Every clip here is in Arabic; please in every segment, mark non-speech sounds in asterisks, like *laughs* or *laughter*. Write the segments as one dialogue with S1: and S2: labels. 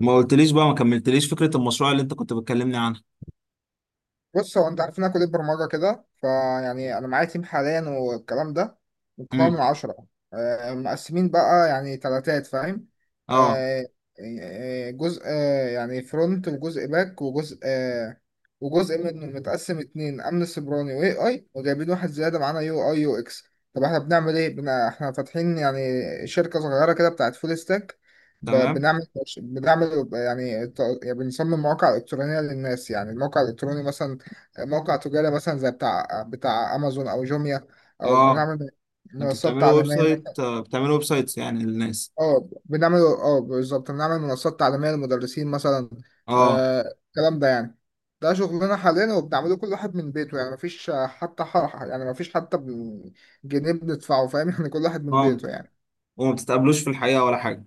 S1: ما قلتليش بقى ما كملتليش فكرة المشروع اللي انت كنت بتكلمني عنها؟
S2: بص، هو انت عارف ان انا كليه برمجه كده، فيعني انا معايا تيم حاليا والكلام ده مكون
S1: امم.
S2: من 10. مقسمين بقى يعني تلاتات، فاهم.
S1: اه.
S2: آه، جزء، يعني فرونت، وجزء باك، وجزء، وجزء منه متقسم اتنين: امن سيبراني واي اي، وجايبين واحد زياده معانا يو اي يو اكس. طب احنا بنعمل ايه؟ بنا احنا فاتحين يعني شركه صغيره كده بتاعت فول ستاك. ب-
S1: تمام.
S2: بنعمل بنعمل يعني، يعني بنصمم مواقع الكترونيه للناس. يعني الموقع الالكتروني مثلا موقع تجاري مثلا زي بتاع امازون او جوميا، او
S1: اه.
S2: بنعمل
S1: انتوا
S2: منصات
S1: بتعملوا ويب
S2: تعليميه.
S1: سايت، بتعملوا ويب سايتس يعني للناس؟
S2: اه، بنعمل، اه بالظبط بنعمل منصات تعليميه للمدرسين مثلا.
S1: اه.
S2: الكلام ده يعني ده شغلنا حاليا، وبنعمله كل واحد من بيته. يعني مفيش حتى حرحة، يعني مفيش حتى جنيه بندفعه، فاهم؟ *laughs* يعني كل واحد من
S1: اه،
S2: بيته يعني.
S1: وما بتتقابلوش في الحقيقة ولا حاجة؟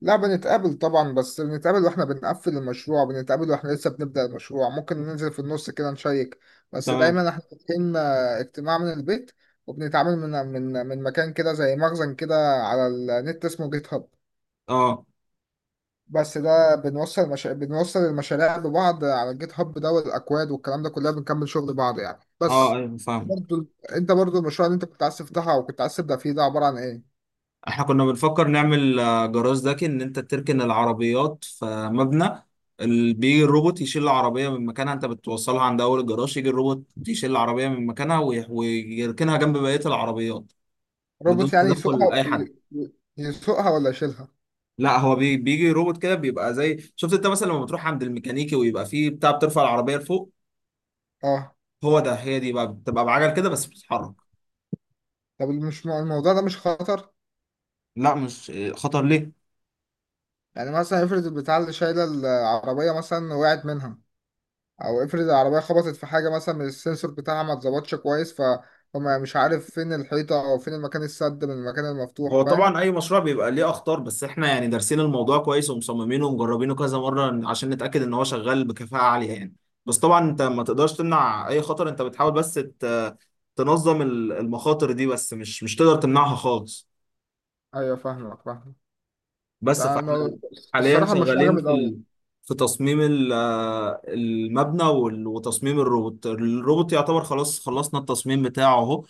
S2: لا، بنتقابل طبعا، بس بنتقابل واحنا بنقفل المشروع، بنتقابل واحنا لسه بنبدأ المشروع. ممكن ننزل في النص كده نشيك، بس
S1: تمام.
S2: دايما احنا فاتحين اجتماع من البيت. وبنتعامل من مكان كده زي مخزن كده على النت، اسمه جيت هاب.
S1: اه.
S2: بس ده بنوصل بنوصل المشاريع ببعض على الجيت هاب ده، والاكواد والكلام ده كلها بنكمل شغل بعض يعني،
S1: اه،
S2: بس.
S1: ايوه، فاهم.
S2: برضو انت، برضو المشروع اللي انت كنت عايز تفتحها وكنت عايز تبدأ فيه ده، عبارة عن ايه؟
S1: احنا كنا بنفكر نعمل جراج ذكي ان انت تركن العربيات في مبنى. بيجي الروبوت يشيل العربية من مكانها، انت بتوصلها عند اول الجراج، يجي الروبوت يشيل العربية من مكانها ويركنها جنب بقية العربيات بدون
S2: روبوت يعني
S1: تدخل
S2: يسوقها؟
S1: اي حد.
S2: يسوقها ولا يشيلها؟
S1: لا، بيجي روبوت كده، بيبقى زي شفت انت مثلا لما بتروح عند الميكانيكي ويبقى فيه بتاع بترفع العربيه لفوق.
S2: اه.
S1: هو ده هي دي بقى بتبقى بعجل كده بس بتتحرك.
S2: طب مش الموضوع ده مش خطر؟
S1: لا، مش خطر ليه؟
S2: يعني مثلا افرض البتاع اللي شايله العربيه مثلا وقعت منها، او افرض العربيه خبطت في حاجه مثلا، من السنسور بتاعها ما اتظبطش كويس، فهم. مش عارف فين الحيطه او فين المكان السد من المكان المفتوح،
S1: هو
S2: فاهم.
S1: طبعا اي مشروع بيبقى ليه اخطار، بس احنا يعني دارسين الموضوع كويس ومصممينه ومجربينه كذا مره عشان نتاكد ان هو شغال بكفاءه عاليه يعني. بس طبعا انت ما تقدرش تمنع اي خطر، انت بتحاول بس تنظم المخاطر دي، بس مش تقدر تمنعها خالص.
S2: ايوه، فاهمك فاهمك.
S1: بس
S2: ده
S1: فاحنا حاليا
S2: الصراحه مش
S1: شغالين
S2: عجبت قوي.
S1: في تصميم المبنى وتصميم الروبوت. الروبوت يعتبر خلاص خلصنا التصميم بتاعه اهو،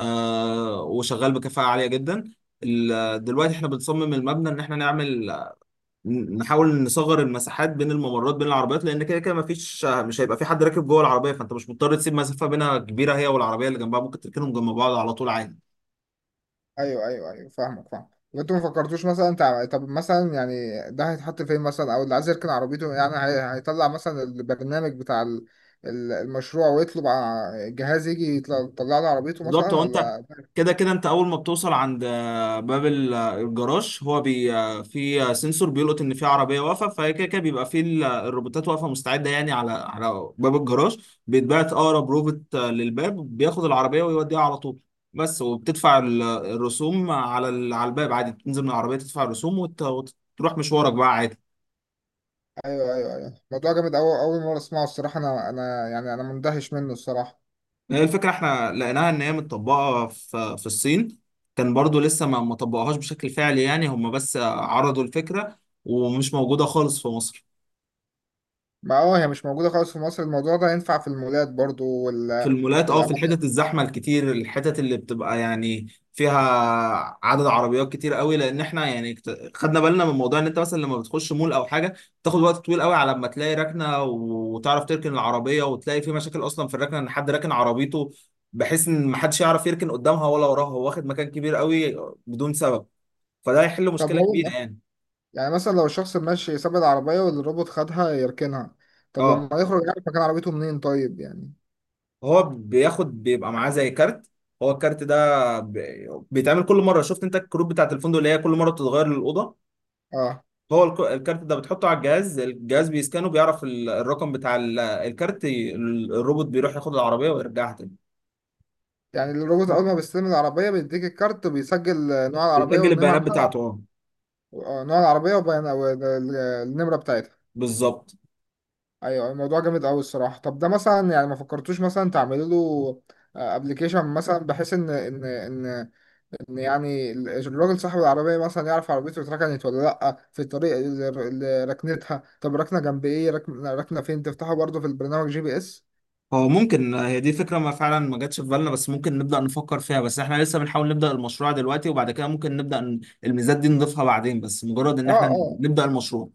S1: وشغال بكفاءة عالية جدا. دلوقتي احنا بنصمم المبنى ان احنا نحاول نصغر المساحات بين الممرات بين العربيات، لان كده كده مش هيبقى في حد راكب جوه العربيه، فانت مش مضطر تسيب مسافه بينها كبيره هي والعربيه اللي جنبها، ممكن تركنهم جنب بعض على طول عادي.
S2: ايوه ايوه ايوه، فاهمك فاهم. وانتوا ما فكرتوش مثلا طب مثلا يعني ده هيتحط فين مثلا؟ او اللي عايز يركن عربيته، يعني هيطلع مثلا البرنامج بتاع المشروع ويطلب جهاز يجي يطلع، يطلع له عربيته
S1: بالظبط.
S2: مثلا،
S1: هو انت
S2: ولا؟
S1: كده كده انت اول ما بتوصل عند باب الجراج، هو بي آه، في سنسور بيلقط ان في عربيه واقفه، فهي كده كده بيبقى في الروبوتات واقفه مستعده يعني على باب الجراج. بيتبعت اقرب روبوت للباب، بياخد العربيه ويوديها على طول. بس وبتدفع الرسوم على الباب عادي، تنزل من العربيه تدفع الرسوم وتروح مشوارك بقى عادي.
S2: ايوه ايوه ايوه، الموضوع جامد أوي، اول مره اسمعه الصراحه. انا يعني انا مندهش منه الصراحه.
S1: هي الفكرة احنا لقيناها ان هي متطبقة في الصين. كان برضو لسه ما طبقوهاش بشكل فعلي يعني، هم بس عرضوا الفكرة، ومش موجودة خالص في مصر.
S2: ما اه، هي مش موجوده خالص في مصر. الموضوع ده ينفع في المولات برضو،
S1: في
S2: وال...
S1: المولات، في
S2: والاماكن.
S1: الحتت الزحمه الكتير، الحتت اللي بتبقى يعني فيها عدد عربيات كتير قوي، لان احنا يعني خدنا بالنا من موضوع ان انت مثلا لما بتخش مول او حاجه بتاخد وقت طويل قوي على ما تلاقي ركنه وتعرف تركن العربيه، وتلاقي في مشاكل اصلا في الركنه ان حد راكن عربيته بحيث ان محدش يعرف يركن قدامها ولا وراها، هو واخد مكان كبير قوي بدون سبب، فده هيحل
S2: طب
S1: مشكله كبيره
S2: هو
S1: يعني.
S2: يعني مثلا لو الشخص ماشي ساب العربية، والروبوت خدها يركنها، طب لما
S1: اه،
S2: يخرج يعرف مكان عربيته منين؟ طيب يعني.
S1: هو بياخد، بيبقى معاه زي كارت. هو الكارت ده بيتعمل كل مره، شفت انت الكروت بتاعت الفندق اللي هي كل مره بتتغير للاوضه؟
S2: اه،
S1: هو الكارت ده بتحطه على الجهاز بيسكانه بيعرف الرقم بتاع الكارت، الروبوت بيروح ياخد العربيه ويرجعها تاني.
S2: يعني الروبوت أول ما بيستلم العربية بيديك الكارت، وبيسجل نوع العربية
S1: بيسجل
S2: والنمرة
S1: البيانات
S2: *laughs* بتاعتها.
S1: بتاعته، اه.
S2: نوع العربية وبيان والنمرة بتاعتها.
S1: بالظبط.
S2: أيوة، الموضوع جامد أوي الصراحة. طب ده مثلا يعني ما فكرتوش مثلا تعملوا له أبلكيشن مثلا، بحيث إن يعني الراجل صاحب العربية مثلا يعرف عربيته اتركنت ولا لأ، في الطريق اللي ركنتها. طب ركنة جنب إيه؟ ركنة، ركنة فين؟ تفتحه برضه في البرنامج، جي بي إس.
S1: هو ممكن، هي دي فكره ما فعلا ما جاتش في بالنا، بس ممكن نبدا نفكر فيها، بس احنا لسه بنحاول نبدا المشروع دلوقتي، وبعد كده ممكن نبدا الميزات دي نضيفها بعدين، بس مجرد ان
S2: آه
S1: احنا
S2: آه،
S1: نبدا المشروع.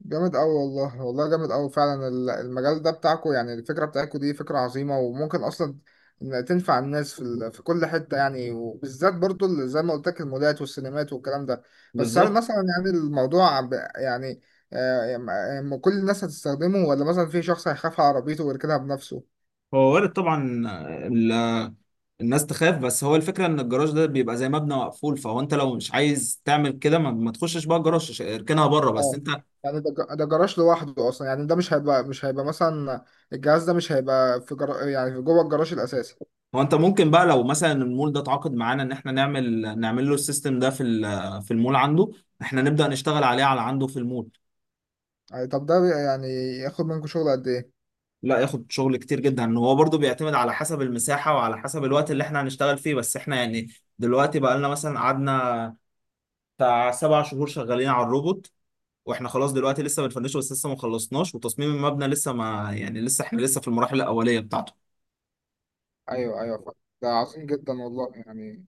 S2: جامد أوي، والله والله جامد أوي فعلا. المجال ده بتاعكو، يعني الفكرة بتاعتكو دي فكرة عظيمة، وممكن أصلا إن تنفع الناس في في كل حتة يعني، وبالذات برضه اللي زي ما قلت لك: المولات والسينمات والكلام ده. بس هل
S1: بالظبط.
S2: مثلا يعني الموضوع يعني يعني كل الناس هتستخدمه، ولا مثلا في شخص هيخاف على عربيته ويركنها بنفسه؟
S1: هو وارد طبعا ال- الناس تخاف، بس هو الفكرة ان الجراج ده بيبقى زي مبنى مقفول، فهو انت لو مش عايز تعمل كده ما تخشش بقى الجراج، اركنها بره بس
S2: اه
S1: انت.
S2: يعني ده ده جراج لوحده اصلا يعني. ده مش هيبقى، مثلا الجهاز ده مش هيبقى في يعني في جوه الجراج الاساسي.
S1: هو انت ممكن بقى لو مثلا المول ده اتعاقد معانا ان احنا نعمل له السيستم ده في المول عنده، احنا نبدأ نشتغل على عنده في المول.
S2: يعني طب ده يعني ياخد منكم شغل قد ايه؟
S1: لا، ياخد شغل كتير جدا، ان هو برضو بيعتمد على حسب المساحة وعلى حسب الوقت اللي احنا هنشتغل فيه، بس احنا يعني دلوقتي بقى لنا مثلا قعدنا بتاع 7 شهور شغالين على الروبوت، واحنا خلاص دلوقتي لسه بنفنشه بس لسه ما خلصناش، وتصميم المبنى لسه ما يعني، لسه احنا لسه في المراحل الاوليه بتاعته.
S2: ايوه ايوه، فاهم. ده عظيم جدا والله يعني،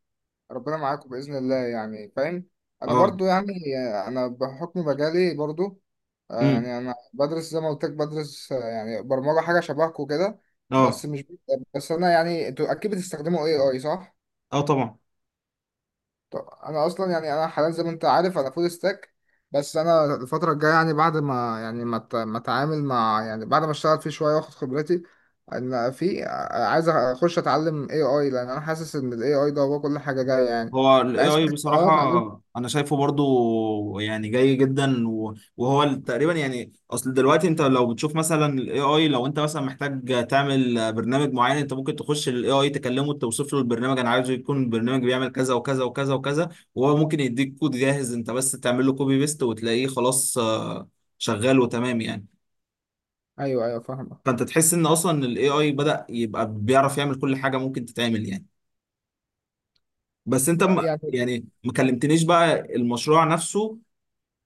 S2: ربنا معاكم باذن الله يعني، فاهم. انا
S1: اه.
S2: برضو، يعني انا بحكم مجالي برضو،
S1: امم.
S2: يعني انا بدرس زي ما قلت لك، بدرس يعني برمجه، حاجه شبهكم كده.
S1: اه.
S2: بس مش... بس انا يعني، انتوا اكيد بتستخدموا اي اي، صح؟
S1: اه، طبعا.
S2: طب انا اصلا يعني انا حاليا زي ما انت عارف انا فول ستاك. بس انا الفتره الجايه، يعني بعد ما يعني ما اتعامل مع، يعني بعد ما اشتغل فيه شويه واخد خبرتي، انا عايز اخش اتعلم اي اي، لان انا حاسس ان الاي اي ده هو كل حاجه جايه يعني.
S1: هو ال
S2: بحس
S1: AI
S2: بس إن انا اتعلم.
S1: بصراحة أنا شايفه برضو يعني جاي جدا، وهو تقريبا يعني أصل دلوقتي أنت لو بتشوف مثلا ال AI، لو أنت مثلا محتاج تعمل برنامج معين أنت ممكن تخش ال AI تكلمه توصف له البرنامج، أنا عايزه يكون البرنامج بيعمل كذا وكذا وكذا وكذا، وهو ممكن يديك كود جاهز، أنت بس تعمل له كوبي بيست وتلاقيه خلاص شغال وتمام يعني.
S2: ايوه ايوه، فاهمك.
S1: فأنت تحس إن أصلا ال AI بدأ يبقى بيعرف يعمل كل حاجة ممكن تتعمل يعني. بس أنت
S2: يعني
S1: يعني ما كلمتنيش بقى المشروع نفسه،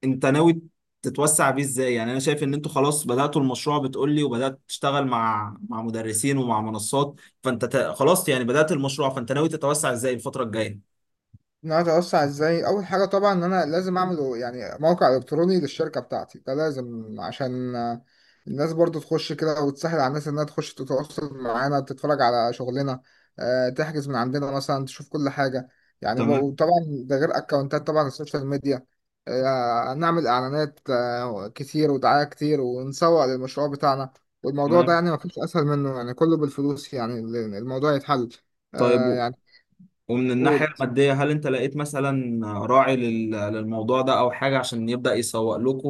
S1: انت ناوي تتوسع بيه ازاي؟ يعني انا شايف ان انتوا خلاص بدأتوا المشروع بتقولي، وبدأت تشتغل مع مدرسين ومع منصات، فانت خلاص يعني بدأت المشروع، فانت ناوي تتوسع ازاي الفترة الجاية؟
S2: ان انا اتوسع ازاي؟ اول حاجه طبعا ان انا لازم اعمل يعني موقع الكتروني للشركه بتاعتي، ده لازم عشان الناس برضو تخش كده، وتسهل على الناس انها تخش تتواصل معانا، تتفرج على شغلنا، تحجز من عندنا مثلا، تشوف كل حاجه. يعني
S1: تمام.
S2: بقى، طبعا ده غير اكونتات طبعا السوشيال ميديا. نعمل اعلانات كتير ودعايه كتير، ونسوق للمشروع بتاعنا. والموضوع ده
S1: تمام.
S2: يعني ما فيش اسهل منه يعني، كله بالفلوس يعني، الموضوع يتحل.
S1: طيب،
S2: يعني.
S1: ومن الناحية المادية هل انت لقيت مثلا راعي للموضوع ده او حاجة عشان يبدأ يسوق لكم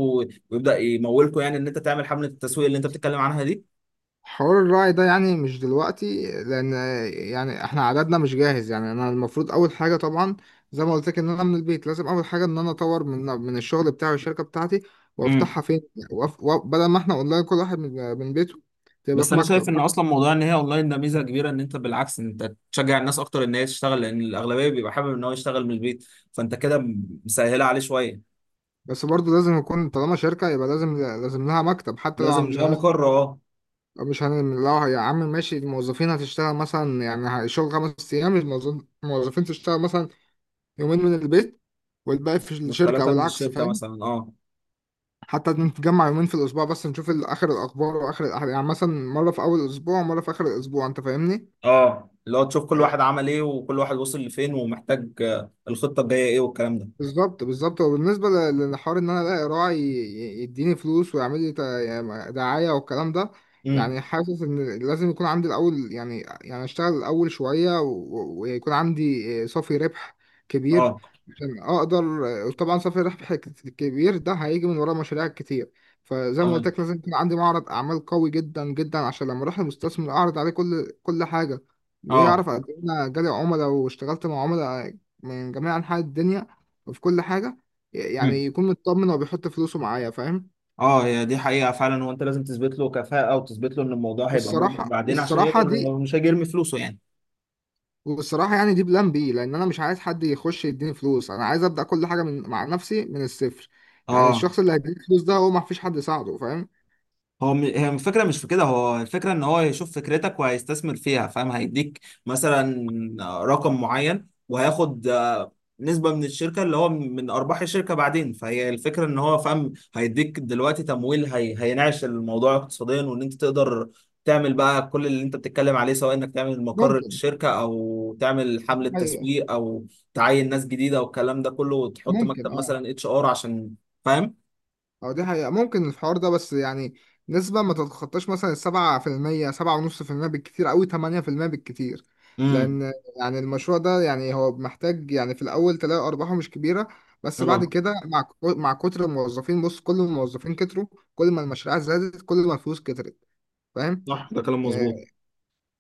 S1: ويبدأ يمولكم، يعني ان انت تعمل حملة التسويق اللي انت بتتكلم عنها
S2: حوار الراعي ده يعني مش دلوقتي، لان يعني احنا عددنا مش جاهز يعني. انا المفروض اول حاجه طبعا زي ما قلت لك ان انا من البيت، لازم اول حاجه ان انا اطور من الشغل بتاعي والشركه بتاعتي،
S1: دي؟
S2: وافتحها فين. بدل ما احنا اونلاين كل واحد من بيته، تبقى
S1: بس
S2: في
S1: انا شايف
S2: مكتب.
S1: ان اصلا موضوع ان هي اونلاين ده ميزه كبيره، ان انت بالعكس انت تشجع الناس اكتر ان هي تشتغل، لان الاغلبيه بيبقى حابب ان هو يشتغل من البيت، فانت كده مسهله عليه شويه.
S2: بس برضه لازم يكون، طالما شركه يبقى لازم، لها مكتب، حتى
S1: لازم
S2: لو مش
S1: اللي هو
S2: هننزل.
S1: مقر، اه.
S2: مش هن... لو يا عم ماشي، الموظفين هتشتغل مثلا، يعني شغل 5 ايام، الموظفين تشتغل مثلا يومين من البيت، والباقي في الشركه،
S1: والثلاثه
S2: او
S1: من
S2: العكس،
S1: الشركه
S2: فاهم.
S1: مثلا، اه.
S2: حتى نتجمع يومين في الأسبوع بس، نشوف آخر الأخبار وآخر الأحداث يعني، مثلا مرة في أول الأسبوع ومرة في آخر الأسبوع. أنت فاهمني؟
S1: اه، اللي هو تشوف كل
S2: آه.
S1: واحد عمل ايه وكل واحد وصل لفين، ومحتاج الخطه الجايه ايه والكلام ده.
S2: بالظبط بالظبط. وبالنسبة للحوار ان انا الاقي راعي يديني فلوس، ويعمل لي يعني دعاية والكلام ده،
S1: امم.
S2: يعني حاسس ان لازم يكون عندي الاول، يعني اشتغل الاول شوية، ويكون عندي صافي ربح كبير
S1: اه.
S2: عشان اقدر. طبعا صافي ربح كبير ده هيجي من ورا مشاريع كتير، فزي ما قلت
S1: تمام.
S2: لك لازم يكون عندي معرض اعمال قوي جدا جدا عشان لما اروح المستثمر اعرض عليه كل حاجة،
S1: اه.
S2: ويعرف قد ايه انا جالي عملاء واشتغلت مع عملاء من جميع انحاء الدنيا في كل حاجة،
S1: امم.
S2: يعني يكون مطمن وبيحط فلوسه معايا، فاهم.
S1: اه، هي دي حقيقه فعلا، وانت لازم تثبت له كفاءه وتثبت له ان الموضوع هيبقى مربح
S2: والصراحة
S1: بعدين عشان
S2: والصراحة
S1: يقدر،
S2: دي
S1: مش هيجي يرمي فلوسه يعني.
S2: والصراحة يعني دي بلان بي، لأن أنا مش عايز حد يخش يديني فلوس. أنا عايز أبدأ كل حاجة من... مع نفسي من الصفر. يعني
S1: اه،
S2: الشخص اللي هيديني فلوس ده، هو ما فيش حد يساعده، فاهم.
S1: هو هي الفكرة مش في كده، هو الفكرة ان هو يشوف فكرتك وهيستثمر فيها، فاهم؟ هيديك مثلا رقم معين وهياخد نسبة من الشركة، اللي هو من أرباح الشركة بعدين، فهي الفكرة ان هو، فاهم، هيديك دلوقتي تمويل، هينعش الموضوع اقتصاديا، وان انت تقدر تعمل بقى كل اللي انت بتتكلم عليه، سواء انك تعمل مقر
S2: ممكن،
S1: للشركة او تعمل حملة
S2: أيوه،
S1: تسويق او تعين ناس جديدة والكلام ده كله، وتحط
S2: ممكن
S1: مكتب
S2: أه.
S1: مثلا HR عشان، فاهم.
S2: اه، دي حقيقة ممكن الحوار ده، بس يعني نسبة ما تتخطاش مثلا 7%، 7.5%، بالكتير أوي 8% بالكتير.
S1: امم.
S2: لأن يعني المشروع ده يعني هو محتاج، يعني في الأول تلاقي أرباحه مش كبيرة، بس بعد
S1: اه،
S2: كده مع مع كتر الموظفين. بص، كل ما الموظفين كتروا، كل ما المشاريع زادت، كل ما الفلوس كترت، فاهم.
S1: صح، ده كلام مظبوط.
S2: آه،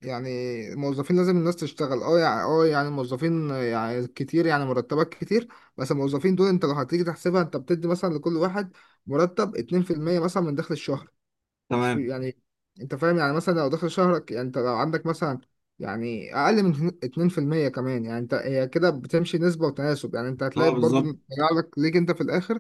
S2: يعني الموظفين لازم الناس تشتغل، اه يعني، اه يعني الموظفين يعني كتير، يعني مرتبات كتير. بس الموظفين دول انت لو هتيجي تحسبها، انت بتدي مثلا لكل واحد مرتب 2% مثلا من دخل الشهر،
S1: تمام.
S2: يعني انت فاهم يعني. مثلا لو دخل شهرك، يعني انت لو عندك مثلا يعني اقل من 2% كمان، يعني انت هي كده بتمشي نسبة وتناسب يعني. انت
S1: اه،
S2: هتلاقي برضو
S1: بالظبط.
S2: إن طلع لك، ليك انت في الاخر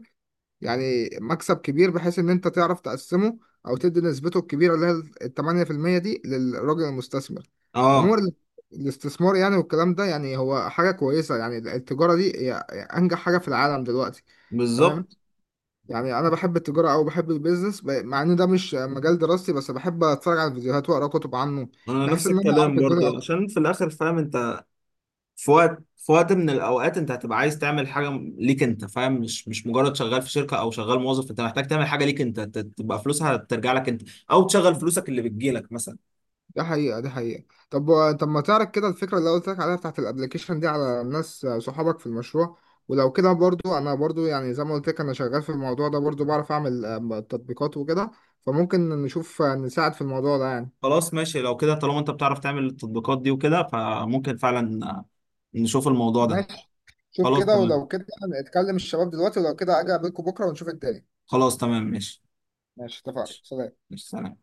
S2: يعني مكسب كبير، بحيث ان انت تعرف تقسمه، او تدي نسبته الكبيره اللي هي ال 8% دي للراجل المستثمر. عموما
S1: اه،
S2: الاستثمار يعني، والكلام ده يعني هو حاجه كويسه يعني. التجاره دي هي انجح حاجه في العالم دلوقتي، فاهم.
S1: بالظبط.
S2: يعني انا بحب التجاره، او بحب البيزنس، مع ان ده مش مجال دراستي، بس بحب اتفرج على الفيديوهات واقرا كتب عنه،
S1: انا
S2: بحيث
S1: نفس
S2: ان انا اعرف
S1: الكلام
S2: الدنيا.
S1: برضه، عشان في الاخر فاهم انت، في وقت من الاوقات انت هتبقى عايز تعمل حاجه ليك انت، فاهم؟ مش مجرد شغال في شركه او شغال موظف، انت محتاج تعمل حاجه ليك انت تبقى فلوسها ترجع لك انت، او تشغل فلوسك اللي بتجيلك مثلا.
S2: ده حقيقة ده حقيقة. طب، طب، ما تعرف كده الفكرة اللي قلت لك عليها بتاعت الابليكيشن دي على ناس صحابك في المشروع؟ ولو كده برضو، انا برضو يعني زي ما قلت لك انا شغال في الموضوع ده برضو، بعرف اعمل تطبيقات وكده، فممكن نشوف نساعد في الموضوع ده يعني.
S1: خلاص، ماشي لو كده. طالما انت بتعرف تعمل التطبيقات دي وكده، فممكن فعلا نشوف الموضوع ده.
S2: ماشي، شوف
S1: خلاص
S2: كده،
S1: تمام.
S2: ولو كده نتكلم الشباب دلوقتي، ولو كده اجي اقابلكم بكرة ونشوف الدنيا.
S1: خلاص تمام، ماشي.
S2: ماشي، اتفقنا،
S1: ماشي.
S2: سلام.
S1: ماشي، سلام.